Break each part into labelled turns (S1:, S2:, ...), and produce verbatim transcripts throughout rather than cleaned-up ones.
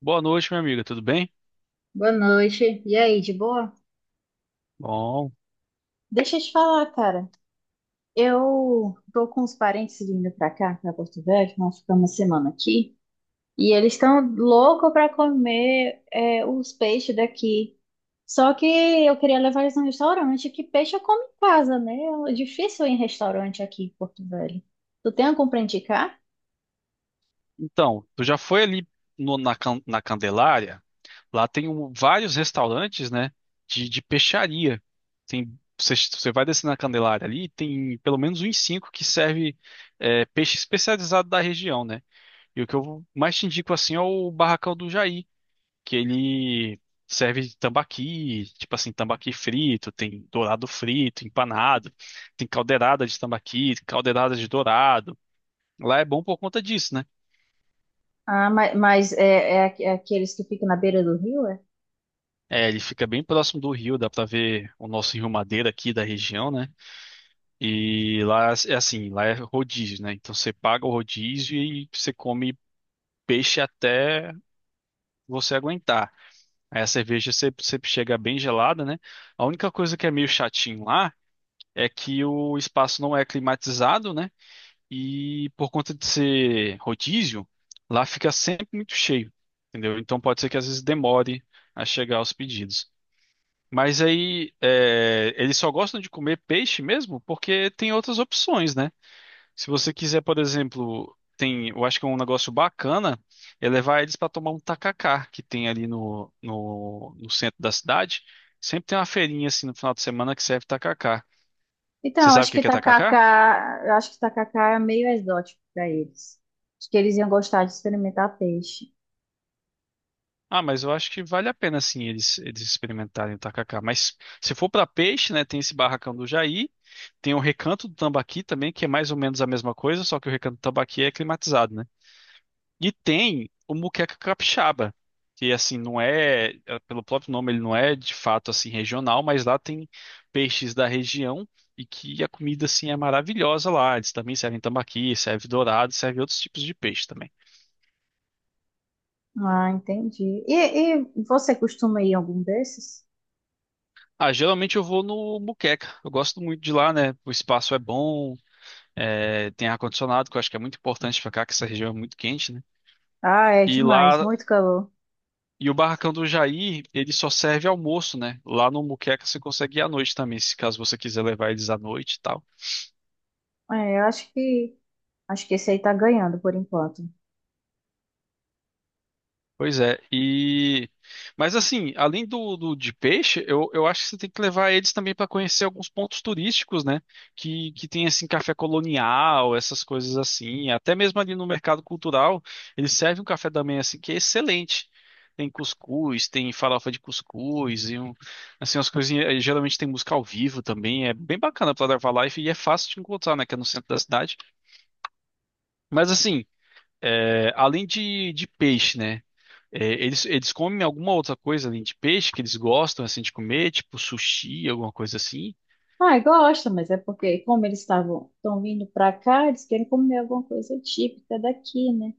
S1: Boa noite, minha amiga, tudo bem?
S2: Boa noite. E aí, de boa?
S1: Bom,
S2: Deixa eu te falar, cara. Eu tô com os parentes vindo pra cá, pra Porto Velho, nós ficamos uma semana aqui, e eles estão loucos pra comer é, os peixes daqui. Só que eu queria levar eles num restaurante, que peixe eu como em casa, né? É difícil ir em restaurante aqui em Porto Velho. Tu tem algum pra indicar?
S1: então, tu já foi ali no- na, Can- na Candelária? Lá tem um- vários restaurantes, né, de, de peixaria. Tem, você, você vai descer na Candelária ali, tem pelo menos uns cinco que serve é, peixe especializado da região, né? E o que eu mais te indico, assim, é o Barracão do Jair, que ele serve de tambaqui, tipo assim, tambaqui frito, tem dourado frito, empanado, tem caldeirada de tambaqui, caldeirada de dourado, lá é bom por conta disso, né?
S2: Ah, ma- mas, é, é aqu- é aqueles que ficam na beira do rio?
S1: É, ele fica bem próximo do rio, dá pra ver o nosso Rio Madeira aqui da região, né? E lá é assim, lá é rodízio, né? Então você paga o rodízio e você come peixe até você aguentar. Aí a cerveja sempre, sempre chega bem gelada, né? A única coisa que é meio chatinho lá é que o espaço não é climatizado, né? E por conta de ser rodízio, lá fica sempre muito cheio, entendeu? Então pode ser que às vezes demore a chegar aos pedidos. Mas aí, é, eles só gostam de comer peixe mesmo porque tem outras opções, né? Se você quiser, por exemplo, tem, eu acho que é um negócio bacana é levar eles para tomar um tacacá que tem ali no, no, no centro da cidade. Sempre tem uma feirinha assim no final de semana que serve tacacá. Você
S2: Então,
S1: sabe o
S2: acho
S1: que
S2: que
S1: que é tacacá?
S2: tacacá, eu acho que tacacá é meio exótico para eles. Acho que eles iam gostar de experimentar peixe.
S1: Ah, mas eu acho que vale a pena sim eles, eles experimentarem o tacacá. Mas se for para peixe, né, tem esse barracão do Jair, tem o Recanto do Tambaqui também, que é mais ou menos a mesma coisa, só que o Recanto do Tambaqui é climatizado, né? E tem o Muqueca Capixaba, que assim não é, eh, pelo próprio nome ele não é de fato assim regional, mas lá tem peixes da região e que a comida assim é maravilhosa lá. Eles também servem tambaqui, serve dourado, serve outros tipos de peixe também.
S2: Ah, entendi. E, e você costuma ir em algum desses?
S1: Ah, geralmente eu vou no Moqueca. Eu gosto muito de lá, né? O espaço é bom, é, tem ar-condicionado, que eu acho que é muito importante pra cá, que essa região é muito quente, né?
S2: Ah, é
S1: E
S2: demais,
S1: lá,
S2: muito calor.
S1: e o barracão do Jair, ele só serve almoço, né? Lá no Moqueca você consegue ir à noite também, se caso você quiser levar eles à noite e tal.
S2: É, eu acho que acho que esse aí tá ganhando por enquanto.
S1: Pois é, e mas assim, além do, do de peixe, eu, eu acho que você tem que levar eles também para conhecer alguns pontos turísticos, né? Que, que tem assim café colonial, essas coisas assim. Até mesmo ali no mercado cultural, eles servem um café da manhã assim que é excelente. Tem cuscuz, tem farofa de cuscuz e um, assim umas coisinhas. E geralmente tem música ao vivo também. É bem bacana para levar live e é fácil de encontrar, né? Que é no centro da cidade. Mas assim, é, além de, de peixe, né? É, eles, eles comem alguma outra coisa além de peixe que eles gostam assim de comer, tipo sushi, alguma coisa assim.
S2: Ah, gosta, mas é porque como eles estavam estão vindo para cá, eles querem comer alguma coisa típica daqui, né?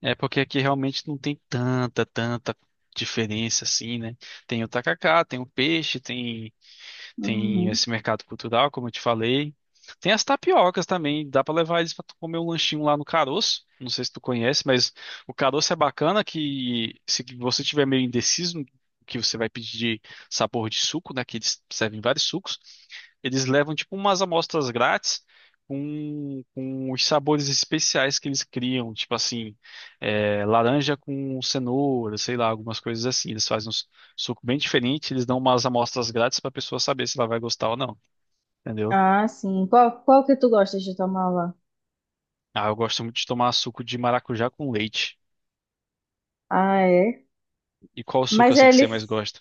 S1: É porque aqui realmente não tem tanta, tanta diferença assim, né? Tem o tacacá, tem o peixe, tem tem
S2: Uhum.
S1: esse mercado cultural, como eu te falei. Tem as tapiocas também, dá para levar eles para comer um lanchinho lá no Caroço. Não sei se tu conhece, mas o Caroço é bacana que se você tiver meio indeciso o que você vai pedir de sabor de suco, né, que eles servem vários sucos, eles levam tipo umas amostras grátis com, com os sabores especiais que eles criam, tipo assim, é, laranja com cenoura, sei lá, algumas coisas assim. Eles fazem uns, suco bem diferente, eles dão umas amostras grátis pra pessoa saber se ela vai gostar ou não, entendeu?
S2: Ah, sim. Qual, qual que tu gosta de tomar lá?
S1: Ah, eu gosto muito de tomar suco de maracujá com leite.
S2: Ah, é.
S1: E qual suco
S2: Mas
S1: assim que você
S2: ele
S1: mais gosta?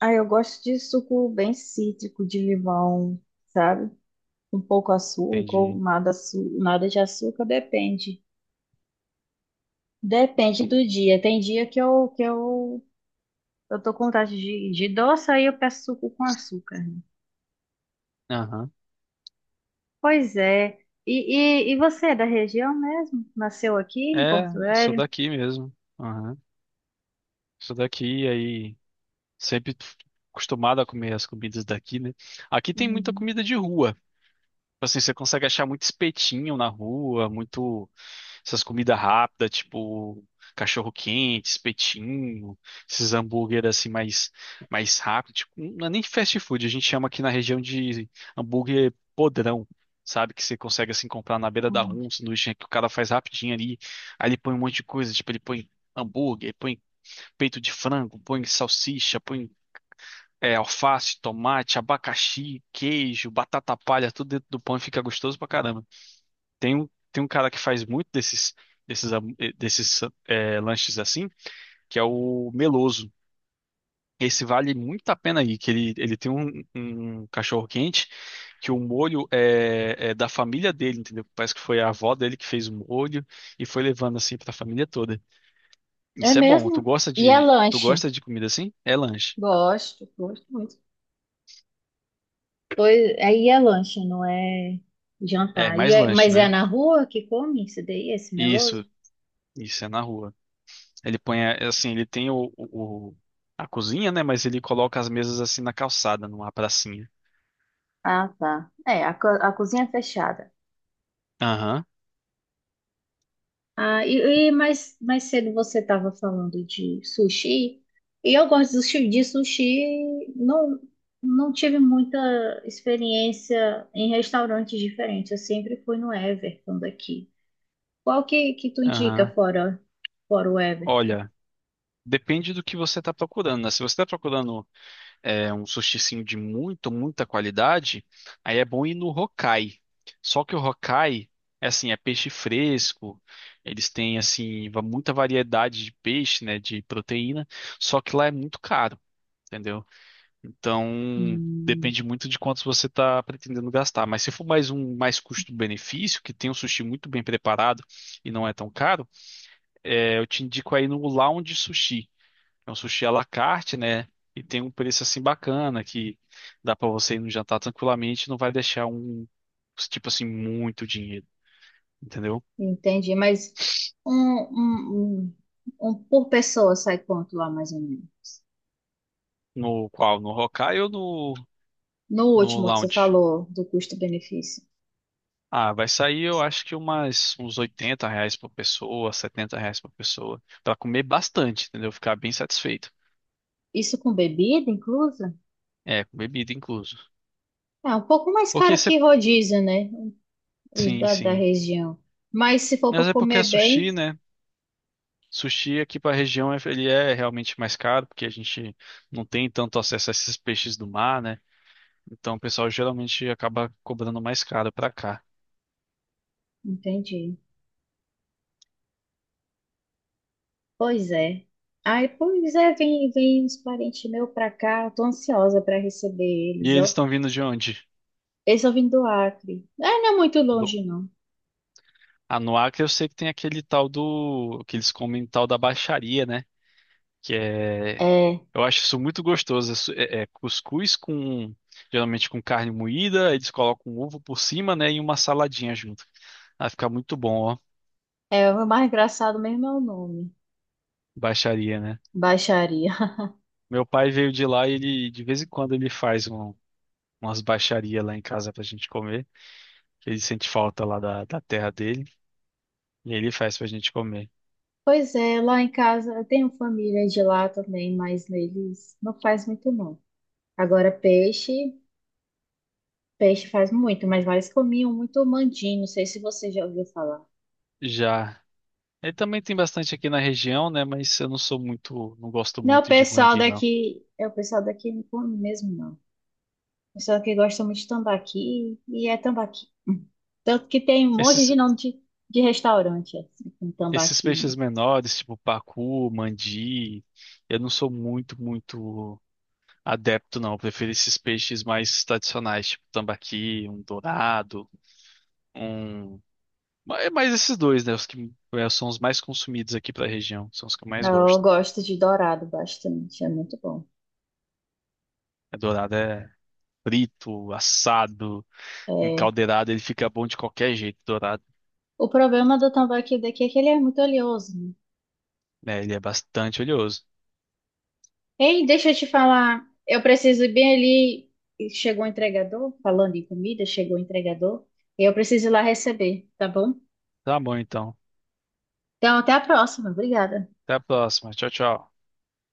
S2: Ah, eu gosto de suco bem cítrico, de limão, sabe? Um pouco açúcar ou
S1: Entendi.
S2: nada, açu- nada de açúcar, depende. Depende do dia. Tem dia que eu, que eu, eu tô com vontade de, de doce, aí eu peço suco com açúcar, né?
S1: Aham.
S2: Pois é. E, e, e você é da região mesmo? Nasceu aqui em
S1: É,
S2: Porto
S1: sou
S2: Velho?
S1: daqui mesmo. Aham. Sou daqui, aí sempre acostumado a comer as comidas daqui, né? Aqui tem muita
S2: Uhum.
S1: comida de rua. Tipo assim, você consegue achar muito espetinho na rua, muito essas comidas rápidas, tipo cachorro quente, espetinho, esses hambúrguer assim mais mais rápido, tipo, não é nem fast food, a gente chama aqui na região de hambúrguer podrão. Sabe, que você consegue assim comprar na beira da rua, um sanduíche que o cara faz rapidinho ali. Aí ele põe um monte de coisa, tipo, ele põe hambúrguer, põe peito de frango, põe salsicha, põe é, alface, tomate, abacaxi, queijo, batata palha, tudo dentro do pão e fica gostoso pra caramba. Tem um, tem um cara que faz muito desses, desses, am- eh, desses eh, lanches assim, que é o Meloso. Esse vale muito a pena aí, que ele, ele tem um, um cachorro quente, que o molho é, é da família dele, entendeu? Parece que foi a avó dele que fez o molho e foi levando assim pra família toda.
S2: É
S1: Isso é bom. Tu
S2: mesmo?
S1: gosta
S2: E é
S1: de, tu
S2: lanche?
S1: gosta de comida assim? É lanche.
S2: Gosto, gosto muito. Pois, aí é lanche, não é
S1: É,
S2: jantar. E
S1: mais
S2: é-
S1: lanche,
S2: mas é
S1: né?
S2: na rua que come esse daí, esse
S1: Isso,
S2: meloso?
S1: isso é na rua. Ele põe, eh, assim, ele tem o, o- a cozinha, né? Mas ele coloca as mesas assim na calçada, numa pracinha.
S2: Ah, tá. É, a, co- a cozinha é fechada.
S1: Aham,
S2: Ah, e, e mais, mais cedo você estava falando de sushi, e eu gosto de sushi, de sushi, não, não tive muita experiência em restaurantes diferentes, eu sempre fui no Everton daqui. Qual que, que tu indica
S1: aham.
S2: fora, fora o Everton?
S1: Olha, depende do que você está procurando, né? Se você está procurando eh, um sushizinho de muito, muita qualidade, aí é bom ir no Hokkai. Só que o Hokkai, é assim, é peixe fresco, eles têm, assim, va- muita variedade de peixe, né? De proteína, só que lá é muito caro, entendeu? Então,
S2: Hum.
S1: depende muito de quantos você está pretendendo gastar. Mas se for mais um mais custo-benefício, que tem um sushi muito bem preparado e não é tão caro, é, eu te indico aí no Lounge Sushi. É um sushi à la carte, né? E tem um preço assim bacana que dá para você ir no jantar tranquilamente, não vai deixar um tipo assim muito dinheiro, entendeu?
S2: Entendi, mas um, um, um, um por pessoa sai quanto lá, mais ou menos?
S1: No qual? No Hokkaido ou no
S2: No
S1: no
S2: último que você
S1: Lounge?
S2: falou do custo-benefício.
S1: Ah, vai sair, eu acho que umas, uns oitenta reais por pessoa, setenta reais por pessoa. Pra comer bastante, entendeu? Ficar bem satisfeito.
S2: Isso com bebida inclusa?
S1: É, com bebida incluso.
S2: É um pouco mais
S1: Porque
S2: caro
S1: você.
S2: que rodízio, né? Os
S1: Sim,
S2: da, da
S1: sim.
S2: região. Mas se for para
S1: Mas é porque é
S2: comer bem,
S1: sushi, né? Sushi aqui pra região é- ele é realmente mais caro, porque a gente não tem tanto acesso a esses peixes do mar, né? Então o pessoal geralmente acaba cobrando mais caro pra cá.
S2: entendi. Pois é. Ai, pois é, vem, vem uns parentes meus pra cá. Eu tô ansiosa para receber
S1: E
S2: eles,
S1: eles
S2: ó.
S1: estão vindo de onde?
S2: Eles só vêm do Acre. É, não é muito
S1: Do...
S2: longe, não.
S1: Ah, no Acre eu sei que tem aquele tal do. Que eles comem tal da baixaria, né? Que é,
S2: É,
S1: eu acho isso muito gostoso. É, é- é cuscuz com, geralmente com carne moída, aí eles colocam um ovo por cima, né, e uma saladinha junto. Ah, fica muito bom, ó.
S2: é, o mais engraçado mesmo é o nome.
S1: Baixaria, né?
S2: Baixaria.
S1: Meu pai veio de lá e ele, de vez em quando, ele faz um- umas baixarias lá em casa pra gente comer, que ele sente falta lá da, da terra dele, e ele faz pra gente comer.
S2: Pois é, lá em casa eu tenho família de lá também, mas eles não faz muito não. Agora peixe, peixe faz muito, mas lá eles comiam muito mandim, não sei se você já ouviu falar.
S1: Já. Ele também tem bastante aqui na região, né? Mas eu não sou muito, não gosto
S2: Não, é o
S1: muito de
S2: pessoal
S1: mandi, não.
S2: daqui, é o pessoal daqui não come mesmo não. O pessoal que gosta muito de tambaqui e é tambaqui. Hum. Tanto que tem um monte de nome de, de restaurante assim, com
S1: Esses
S2: tambaqui,
S1: peixes menores, tipo pacu, mandi, eu não sou muito, muito adepto, não. Eu prefiro esses peixes mais tradicionais, tipo tambaqui, um dourado, um. ma- É mais esses dois, né? Os que eh, são os mais consumidos aqui pra região, são os que eu
S2: né?
S1: mais
S2: Eu
S1: gosto.
S2: gosto de dourado bastante, é muito bom.
S1: É dourado é frito, assado,
S2: É,
S1: encaldeirado, ele fica bom de qualquer jeito, dourado.
S2: o problema do tambaqui daqui é que ele é muito oleoso, né?
S1: Né? Ele é bastante oleoso.
S2: Ei, deixa eu te falar. Eu preciso ir bem ali. E chegou o entregador, falando em comida, chegou o entregador. E eu preciso ir lá receber, tá bom?
S1: Tá bom, então.
S2: Então, até a próxima. Obrigada.
S1: Até a próxima. Tchau, tchau.